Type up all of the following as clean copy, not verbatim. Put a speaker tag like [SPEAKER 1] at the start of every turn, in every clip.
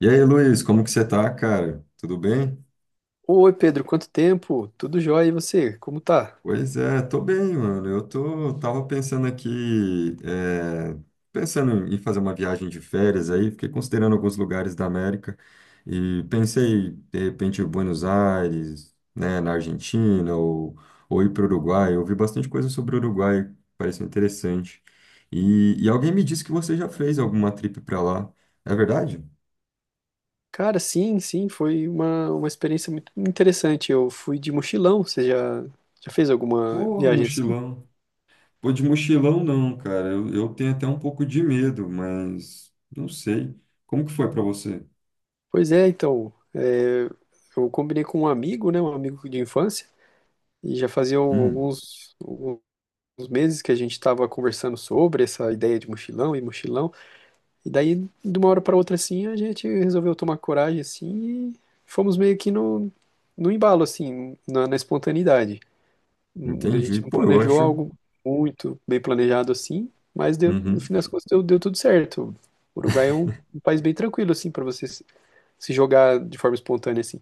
[SPEAKER 1] E aí, Luiz, como que você tá, cara? Tudo bem?
[SPEAKER 2] Oi, Pedro, quanto tempo? Tudo jóia e você? Como tá?
[SPEAKER 1] Pois é, tô bem, mano. Tava pensando aqui, pensando em fazer uma viagem de férias aí, fiquei considerando alguns lugares da América e pensei, de repente, em Buenos Aires, né, na Argentina ou ir para o Uruguai. Eu ouvi bastante coisa sobre o Uruguai, pareceu interessante. E alguém me disse que você já fez alguma trip para lá. É verdade?
[SPEAKER 2] Cara, sim, foi uma experiência muito interessante. Eu fui de mochilão, você já fez alguma
[SPEAKER 1] Porra,
[SPEAKER 2] viagem assim?
[SPEAKER 1] mochilão. Pô, de mochilão não, cara. Eu tenho até um pouco de medo, mas não sei. Como que foi pra você?
[SPEAKER 2] Pois é, então, é, eu combinei com um amigo, né, um amigo de infância, e já fazia
[SPEAKER 1] Hum,
[SPEAKER 2] alguns meses que a gente estava conversando sobre essa ideia de mochilão, e daí, de uma hora para outra, assim, a gente resolveu tomar coragem, assim, e fomos meio que no embalo, assim, na espontaneidade. A gente
[SPEAKER 1] entendi.
[SPEAKER 2] não
[SPEAKER 1] Pô, eu
[SPEAKER 2] planejou
[SPEAKER 1] acho.
[SPEAKER 2] algo muito bem planejado assim, mas no fim
[SPEAKER 1] Uhum.
[SPEAKER 2] das contas deu tudo certo. O Uruguai é um país bem tranquilo assim para você se jogar de forma espontânea assim.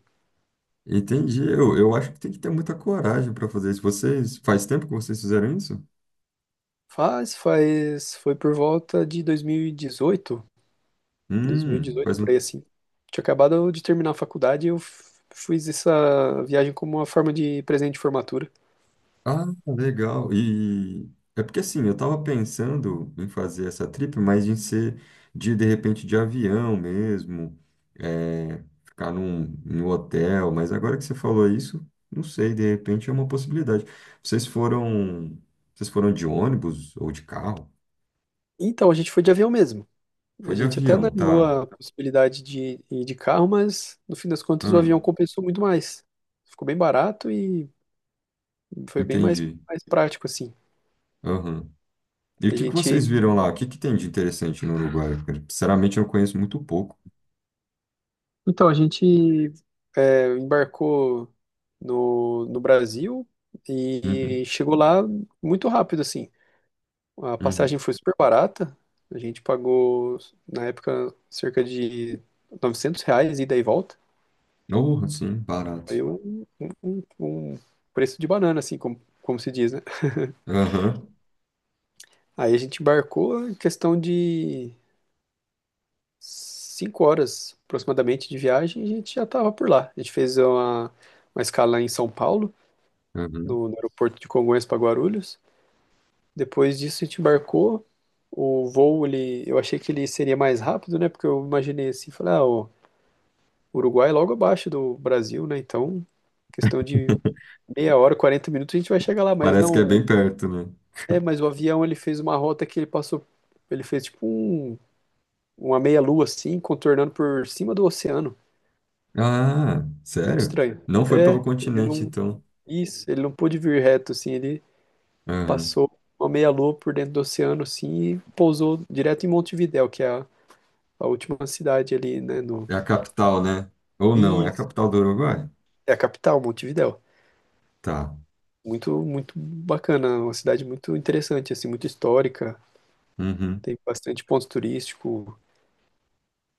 [SPEAKER 1] Entendi. Eu acho que tem que ter muita coragem para fazer isso. Vocês. Faz tempo que vocês fizeram isso?
[SPEAKER 2] Foi por volta de 2018, 2018
[SPEAKER 1] Faz
[SPEAKER 2] por aí
[SPEAKER 1] um.
[SPEAKER 2] assim. Tinha acabado de terminar a faculdade e eu fiz essa viagem como uma forma de presente de formatura.
[SPEAKER 1] Ah, legal. E é porque assim, eu tava pensando em fazer essa trip, mas em ser de repente de avião mesmo, é, ficar num hotel, mas agora que você falou isso, não sei, de repente é uma possibilidade. Vocês foram, vocês foram de ônibus ou de carro?
[SPEAKER 2] Então a gente foi de avião mesmo.
[SPEAKER 1] Foi
[SPEAKER 2] A
[SPEAKER 1] de
[SPEAKER 2] gente até
[SPEAKER 1] avião,
[SPEAKER 2] analisou
[SPEAKER 1] tá.
[SPEAKER 2] a possibilidade de ir de carro, mas no fim das contas o
[SPEAKER 1] Ah,
[SPEAKER 2] avião compensou muito mais. Ficou bem barato e foi bem mais,
[SPEAKER 1] entendi.
[SPEAKER 2] mais prático, assim.
[SPEAKER 1] Aham. E o
[SPEAKER 2] A
[SPEAKER 1] que que
[SPEAKER 2] gente,
[SPEAKER 1] vocês viram lá? O que que tem de interessante no Uruguai, cara? Sinceramente, eu conheço muito pouco.
[SPEAKER 2] a gente embarcou no Brasil e
[SPEAKER 1] Uhum,
[SPEAKER 2] chegou lá muito rápido, assim. A
[SPEAKER 1] uhum.
[SPEAKER 2] passagem foi super barata. A gente pagou, na época, cerca de R$ 900 ida e volta.
[SPEAKER 1] Oh, sim, barato.
[SPEAKER 2] Foi um preço de banana, assim, como, como se diz, né?
[SPEAKER 1] Aham,
[SPEAKER 2] Aí a gente embarcou em questão de 5 horas aproximadamente de viagem, e a gente já estava por lá. A gente fez uma escala em São Paulo,
[SPEAKER 1] aham.
[SPEAKER 2] no aeroporto de Congonhas para Guarulhos. Depois disso a gente embarcou. O voo, ele, eu achei que ele seria mais rápido, né? Porque eu imaginei assim, falei, ah, o Uruguai é logo abaixo do Brasil, né? Então, questão de meia hora, 40 minutos a gente vai chegar lá, mas
[SPEAKER 1] Parece que é
[SPEAKER 2] não,
[SPEAKER 1] bem perto, né?
[SPEAKER 2] é, mas o avião ele fez uma rota que ele passou, ele fez tipo uma meia-lua assim, contornando por cima do oceano.
[SPEAKER 1] Ah,
[SPEAKER 2] Muito
[SPEAKER 1] sério?
[SPEAKER 2] estranho.
[SPEAKER 1] Não foi pelo
[SPEAKER 2] É, ele
[SPEAKER 1] continente,
[SPEAKER 2] não.
[SPEAKER 1] então.
[SPEAKER 2] Isso, ele não pôde vir reto, assim, ele
[SPEAKER 1] Aham.
[SPEAKER 2] passou uma meia-lua por dentro do oceano, assim, e pousou direto em Montevidéu, que é a última cidade ali, né? No...
[SPEAKER 1] É a capital, né? Ou não, é a
[SPEAKER 2] Isso,
[SPEAKER 1] capital do Uruguai?
[SPEAKER 2] é a capital, Montevidéu.
[SPEAKER 1] Tá.
[SPEAKER 2] Muito bacana, uma cidade muito interessante, assim, muito histórica,
[SPEAKER 1] Uhum.
[SPEAKER 2] tem bastante ponto turístico.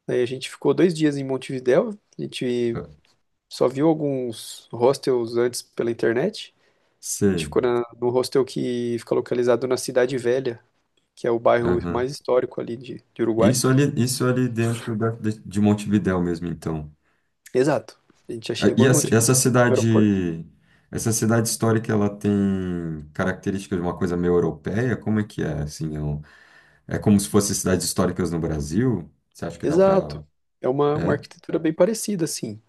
[SPEAKER 2] Aí a gente ficou dois dias em Montevidéu, a gente
[SPEAKER 1] Ah,
[SPEAKER 2] só viu alguns hostels antes pela internet. A gente
[SPEAKER 1] sei.
[SPEAKER 2] ficou no hostel que fica localizado na Cidade Velha, que é o bairro mais
[SPEAKER 1] Aham.
[SPEAKER 2] histórico ali de Uruguai.
[SPEAKER 1] Isso ali de Montevidéu mesmo, então.
[SPEAKER 2] Exato. A gente já
[SPEAKER 1] Ah, e
[SPEAKER 2] chegou em Montevideo no aeroporto.
[SPEAKER 1] essa cidade histórica, ela tem características de uma coisa meio europeia? Como é que é, assim? É como se fossem cidades históricas no Brasil? Você acha que dá pra...
[SPEAKER 2] Exato. É uma
[SPEAKER 1] É?
[SPEAKER 2] arquitetura bem parecida, assim.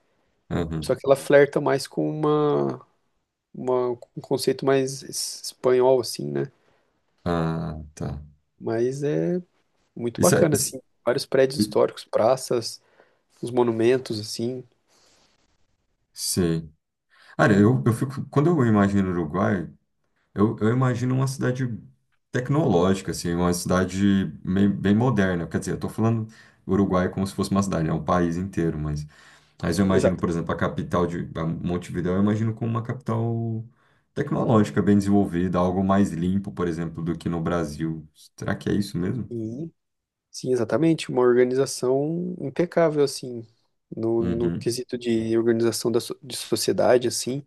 [SPEAKER 2] Só que ela flerta mais com uma- um conceito mais espanhol, assim, né?
[SPEAKER 1] Ah, tá.
[SPEAKER 2] Mas é muito
[SPEAKER 1] Isso é.
[SPEAKER 2] bacana, assim. Vários prédios históricos, praças, os monumentos, assim.
[SPEAKER 1] Sim. Cara, eu fico. Quando eu imagino o Uruguai, eu imagino uma cidade tecnológica, assim, uma bem, moderna. Quer dizer, eu tô falando Uruguai como se fosse uma cidade, é um país inteiro, mas. Mas eu imagino,
[SPEAKER 2] Exato.
[SPEAKER 1] por exemplo, a capital de a Montevidéu, eu imagino como uma capital tecnológica, bem desenvolvida, algo mais limpo, por exemplo, do que no Brasil. Será que é isso mesmo?
[SPEAKER 2] E Sim, exatamente, uma organização impecável, assim, no
[SPEAKER 1] Uhum.
[SPEAKER 2] quesito de organização da, de sociedade, assim,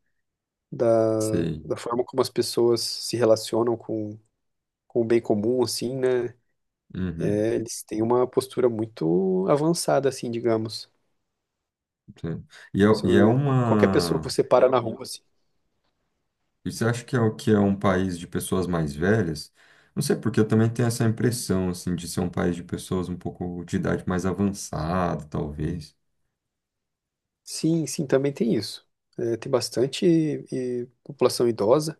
[SPEAKER 2] da,
[SPEAKER 1] Sei.
[SPEAKER 2] da forma como as pessoas se relacionam com o bem comum, assim, né?
[SPEAKER 1] Uhum.
[SPEAKER 2] É, eles têm uma postura muito avançada, assim, digamos.
[SPEAKER 1] Sei. E é,
[SPEAKER 2] Isso,
[SPEAKER 1] e é
[SPEAKER 2] qualquer pessoa que
[SPEAKER 1] uma.
[SPEAKER 2] você para na rua, assim.
[SPEAKER 1] E você acha que é o que é um país de pessoas mais velhas? Não sei, porque eu também tenho essa impressão, assim, de ser um país de pessoas um pouco de idade mais avançada, talvez.
[SPEAKER 2] Sim, também tem isso. É, tem bastante população idosa,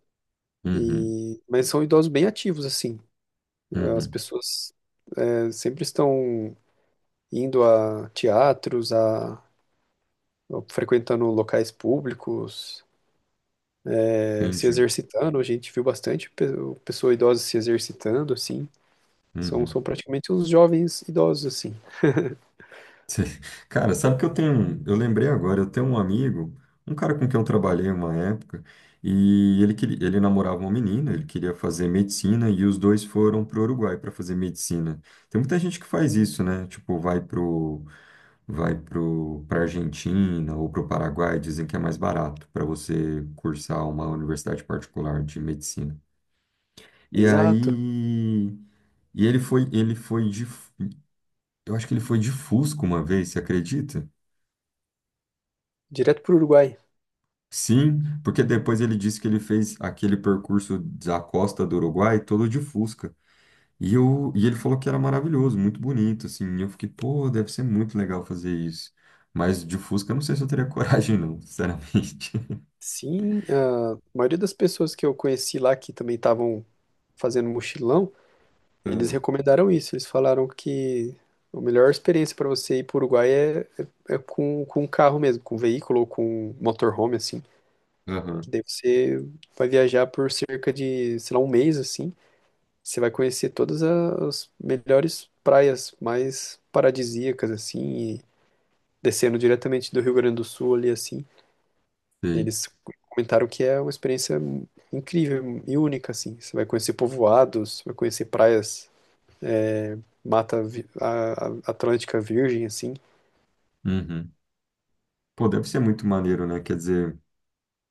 [SPEAKER 1] Uhum,
[SPEAKER 2] e, mas são idosos bem ativos, assim. As
[SPEAKER 1] uhum,
[SPEAKER 2] pessoas é, sempre estão indo a teatros, a frequentando locais públicos, eh, se
[SPEAKER 1] entendi.
[SPEAKER 2] exercitando. A gente viu bastante pessoa idosa se exercitando, assim. São,
[SPEAKER 1] Uhum.
[SPEAKER 2] são praticamente os jovens idosos, assim.
[SPEAKER 1] Cê- Cara, sabe que eu lembrei agora, eu tenho um amigo, um cara com quem eu trabalhei uma época, e ele namorava uma menina, ele queria fazer medicina e os dois foram pro Uruguai para fazer medicina. Tem muita gente que faz isso, né? Tipo, vai para a Argentina ou para o Paraguai, dizem que é mais barato para você cursar uma universidade particular de medicina. E
[SPEAKER 2] Exato.
[SPEAKER 1] aí, ele foi de, eu acho que ele foi de Fusca uma vez, você acredita?
[SPEAKER 2] Direto para o Uruguai.
[SPEAKER 1] Sim, porque depois ele disse que ele fez aquele percurso da costa do Uruguai todo de Fusca. E ele falou que era maravilhoso, muito bonito, assim. E eu fiquei, pô, deve ser muito legal fazer isso. Mas de Fusca, eu não sei se eu teria coragem, não, sinceramente.
[SPEAKER 2] Sim, a maioria das pessoas que eu conheci lá que também estavam fazendo mochilão, eles recomendaram isso. Eles falaram que a melhor experiência para você ir para o Uruguai é com um carro mesmo, com um veículo ou com um motorhome, assim.
[SPEAKER 1] Ah,
[SPEAKER 2] Que
[SPEAKER 1] aham.
[SPEAKER 2] daí você vai viajar por cerca de, sei lá, um mês assim. Você vai conhecer todas as melhores praias mais paradisíacas assim, e descendo diretamente do Rio Grande do Sul ali assim.
[SPEAKER 1] Sei.
[SPEAKER 2] Eles comentaram que é uma experiência incrível e única assim. Você vai conhecer povoados, vai conhecer praias, mata Atlântica Virgem assim.
[SPEAKER 1] Uhum. Pô, deve ser muito maneiro, né? Quer dizer,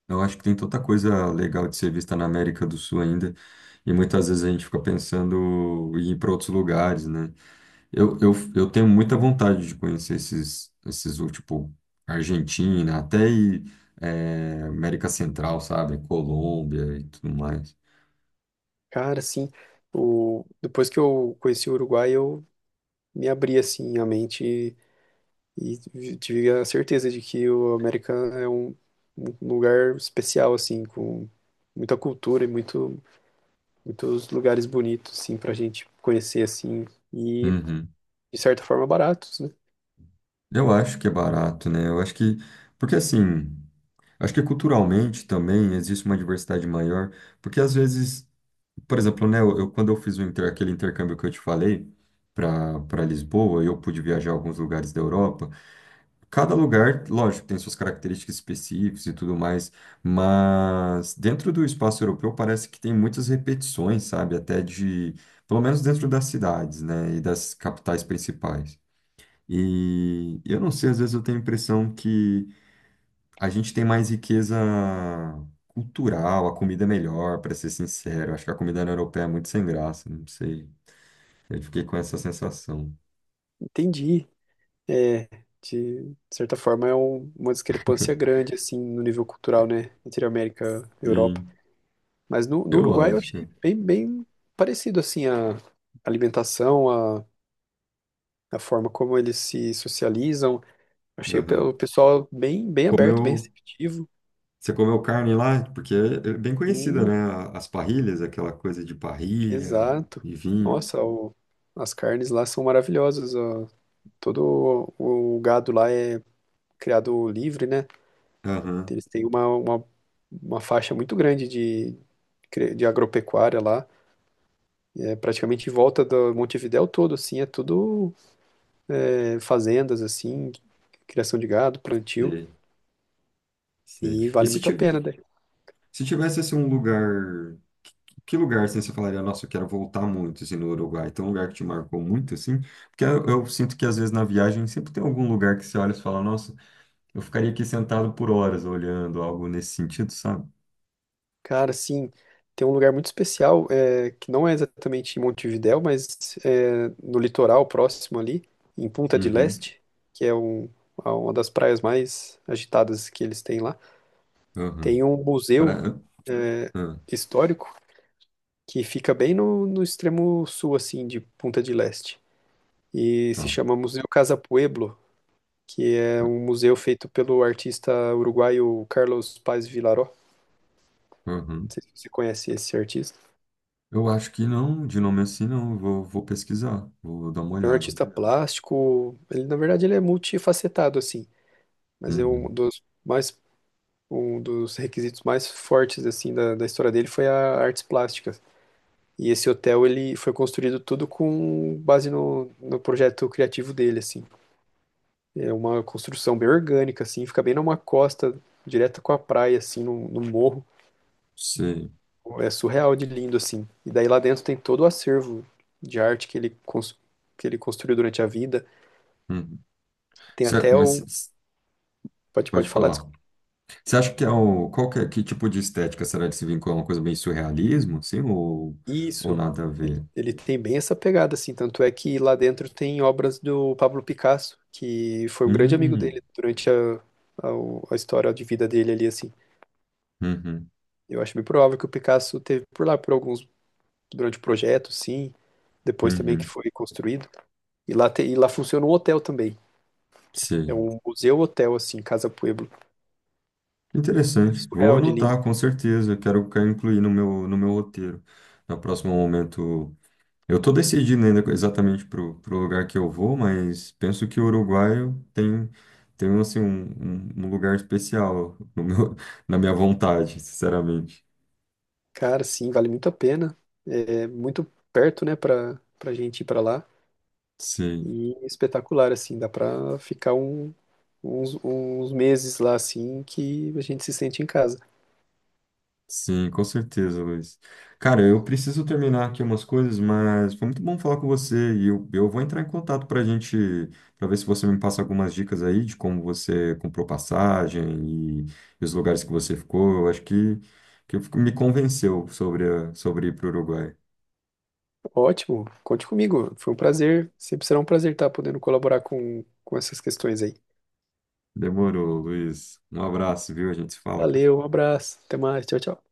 [SPEAKER 1] eu acho que tem tanta coisa legal de ser vista na América do Sul ainda, e muitas vezes a gente fica pensando em ir para outros lugares, né? Eu tenho muita vontade de conhecer tipo, Argentina, até América Central, sabe? Colômbia e tudo mais.
[SPEAKER 2] Cara, assim, o depois que eu conheci o Uruguai, eu me abri assim a mente e tive a certeza de que o América é um lugar especial, assim, com muita cultura e muitos lugares bonitos, assim, pra gente conhecer, assim, e
[SPEAKER 1] Uhum.
[SPEAKER 2] de certa forma baratos, né?
[SPEAKER 1] Eu acho que é barato, né? Porque assim, acho que culturalmente também existe uma diversidade maior. Porque às vezes por exemplo, né, quando eu aquele intercâmbio que eu te falei para Lisboa, eu pude viajar a alguns lugares da Europa. Cada lugar, lógico, tem suas características específicas e tudo mais, mas dentro do espaço europeu parece que tem muitas repetições, sabe? Pelo menos dentro das cidades, né, e das capitais principais. E eu não sei, às vezes eu tenho a impressão que a gente tem mais riqueza cultural, a comida é melhor, para ser sincero. Acho que a comida na europeia é muito sem graça, não sei. Eu fiquei com essa sensação.
[SPEAKER 2] Entendi. É, de certa forma é uma discrepância grande, assim, no nível cultural, né? Entre América e Europa.
[SPEAKER 1] Sim,
[SPEAKER 2] Mas no
[SPEAKER 1] eu
[SPEAKER 2] Uruguai eu
[SPEAKER 1] acho,
[SPEAKER 2] achei
[SPEAKER 1] cara.
[SPEAKER 2] bem parecido, assim, a alimentação, a forma como eles se socializam. Achei o
[SPEAKER 1] Aham.
[SPEAKER 2] o pessoal bem aberto, bem
[SPEAKER 1] Comeu,
[SPEAKER 2] receptivo.
[SPEAKER 1] você comeu carne lá? Porque é bem conhecida,
[SPEAKER 2] Bem,
[SPEAKER 1] né? As parrilhas, aquela coisa de parrilha
[SPEAKER 2] exato.
[SPEAKER 1] e vinho.
[SPEAKER 2] Nossa, as carnes lá são maravilhosas, ó. Todo o gado lá é criado livre, né?
[SPEAKER 1] Aham,
[SPEAKER 2] Eles têm uma faixa muito grande de, de agropecuária lá. É praticamente em volta do Montevidéu todo, assim, é tudo é, fazendas, assim, criação de gado, plantio.
[SPEAKER 1] sei, sei.
[SPEAKER 2] E
[SPEAKER 1] E
[SPEAKER 2] vale
[SPEAKER 1] se,
[SPEAKER 2] muito a
[SPEAKER 1] ti-
[SPEAKER 2] pena, né?
[SPEAKER 1] se tivesse assim, um lugar. Que lugar, assim, você falaria, nossa, eu quero voltar muito, assim, no Uruguai? Tem um lugar que te marcou muito, assim? Porque eu sinto que, às vezes, na viagem, sempre tem algum lugar que você olha e fala, nossa, eu ficaria aqui sentado por horas olhando, algo nesse sentido, sabe?
[SPEAKER 2] Cara, sim, tem um lugar muito especial, é, que não é exatamente em Montevidéu, mas é, no litoral próximo ali, em Punta del
[SPEAKER 1] Uhum,
[SPEAKER 2] Este, que é um, uma das praias mais agitadas que eles têm lá.
[SPEAKER 1] uhum.
[SPEAKER 2] Tem um
[SPEAKER 1] Para...
[SPEAKER 2] museu é,
[SPEAKER 1] Ah,
[SPEAKER 2] histórico que fica bem no extremo sul, assim, de Punta del Este. E se
[SPEAKER 1] tá.
[SPEAKER 2] chama Museu Casa Pueblo, que é um museu feito pelo artista uruguaio Carlos Paz Vilaró. Não
[SPEAKER 1] Uhum.
[SPEAKER 2] sei se você conhece esse artista.
[SPEAKER 1] Eu acho que não, de nome assim, não. Eu vou, vou pesquisar, vou dar uma
[SPEAKER 2] É um
[SPEAKER 1] olhada.
[SPEAKER 2] artista plástico, ele na verdade ele é multifacetado assim, mas é um
[SPEAKER 1] Uhum.
[SPEAKER 2] dos mais um dos requisitos mais fortes assim da história dele foi a artes plásticas. E esse hotel ele foi construído tudo com base no projeto criativo dele assim. É uma construção bem orgânica assim, fica bem numa costa direta com a praia assim, no morro.
[SPEAKER 1] Sei.
[SPEAKER 2] É surreal de lindo assim. E daí lá dentro tem todo o acervo de arte que ele construiu durante a vida.
[SPEAKER 1] Uhum.
[SPEAKER 2] Tem até
[SPEAKER 1] Certo, mas
[SPEAKER 2] o Pode,
[SPEAKER 1] pode
[SPEAKER 2] pode falar.
[SPEAKER 1] falar. Você acha que é um. Que tipo de estética será de se vincular? Uma coisa bem surrealismo, assim? Ou
[SPEAKER 2] Isso.
[SPEAKER 1] nada a
[SPEAKER 2] Ele,
[SPEAKER 1] ver?
[SPEAKER 2] ele tem bem essa pegada, assim. Tanto é que lá dentro tem obras do Pablo Picasso, que foi um grande amigo
[SPEAKER 1] Hum,
[SPEAKER 2] dele durante a, a história de vida dele ali, assim.
[SPEAKER 1] uhum,
[SPEAKER 2] Eu acho bem provável que o Picasso teve por lá por alguns, durante o projeto, sim. Depois também que
[SPEAKER 1] uhum,
[SPEAKER 2] foi construído. E lá, e lá funciona um hotel também. É
[SPEAKER 1] sim.
[SPEAKER 2] um museu-hotel, assim, Casa Pueblo. É
[SPEAKER 1] Interessante. Vou
[SPEAKER 2] surreal de lindo.
[SPEAKER 1] anotar, com certeza. Quero incluir no meu roteiro. No próximo momento. Eu tô decidindo ainda exatamente pro lugar que eu vou, mas penso que o Uruguai tem, tem assim, um um lugar especial no meu, na minha vontade, sinceramente.
[SPEAKER 2] Cara, sim, vale muito a pena. É muito perto, né, pra gente ir pra lá.
[SPEAKER 1] Sim.
[SPEAKER 2] E espetacular, assim, dá pra ficar uns, uns meses lá, assim, que a gente se sente em casa.
[SPEAKER 1] Sim, com certeza, Luiz. Cara, eu preciso terminar aqui umas coisas, mas foi muito bom falar com você e eu vou entrar em contato para gente, para ver se você me passa algumas dicas aí de como você comprou passagem e, e os lugares que você ficou. Que me convenceu sobre ir para o Uruguai.
[SPEAKER 2] Ótimo, conte comigo, foi um prazer, sempre será um prazer estar podendo colaborar com essas questões aí.
[SPEAKER 1] Demorou, Luiz. Um abraço, viu? A gente se fala, cara.
[SPEAKER 2] Valeu, um abraço, até mais, tchau, tchau.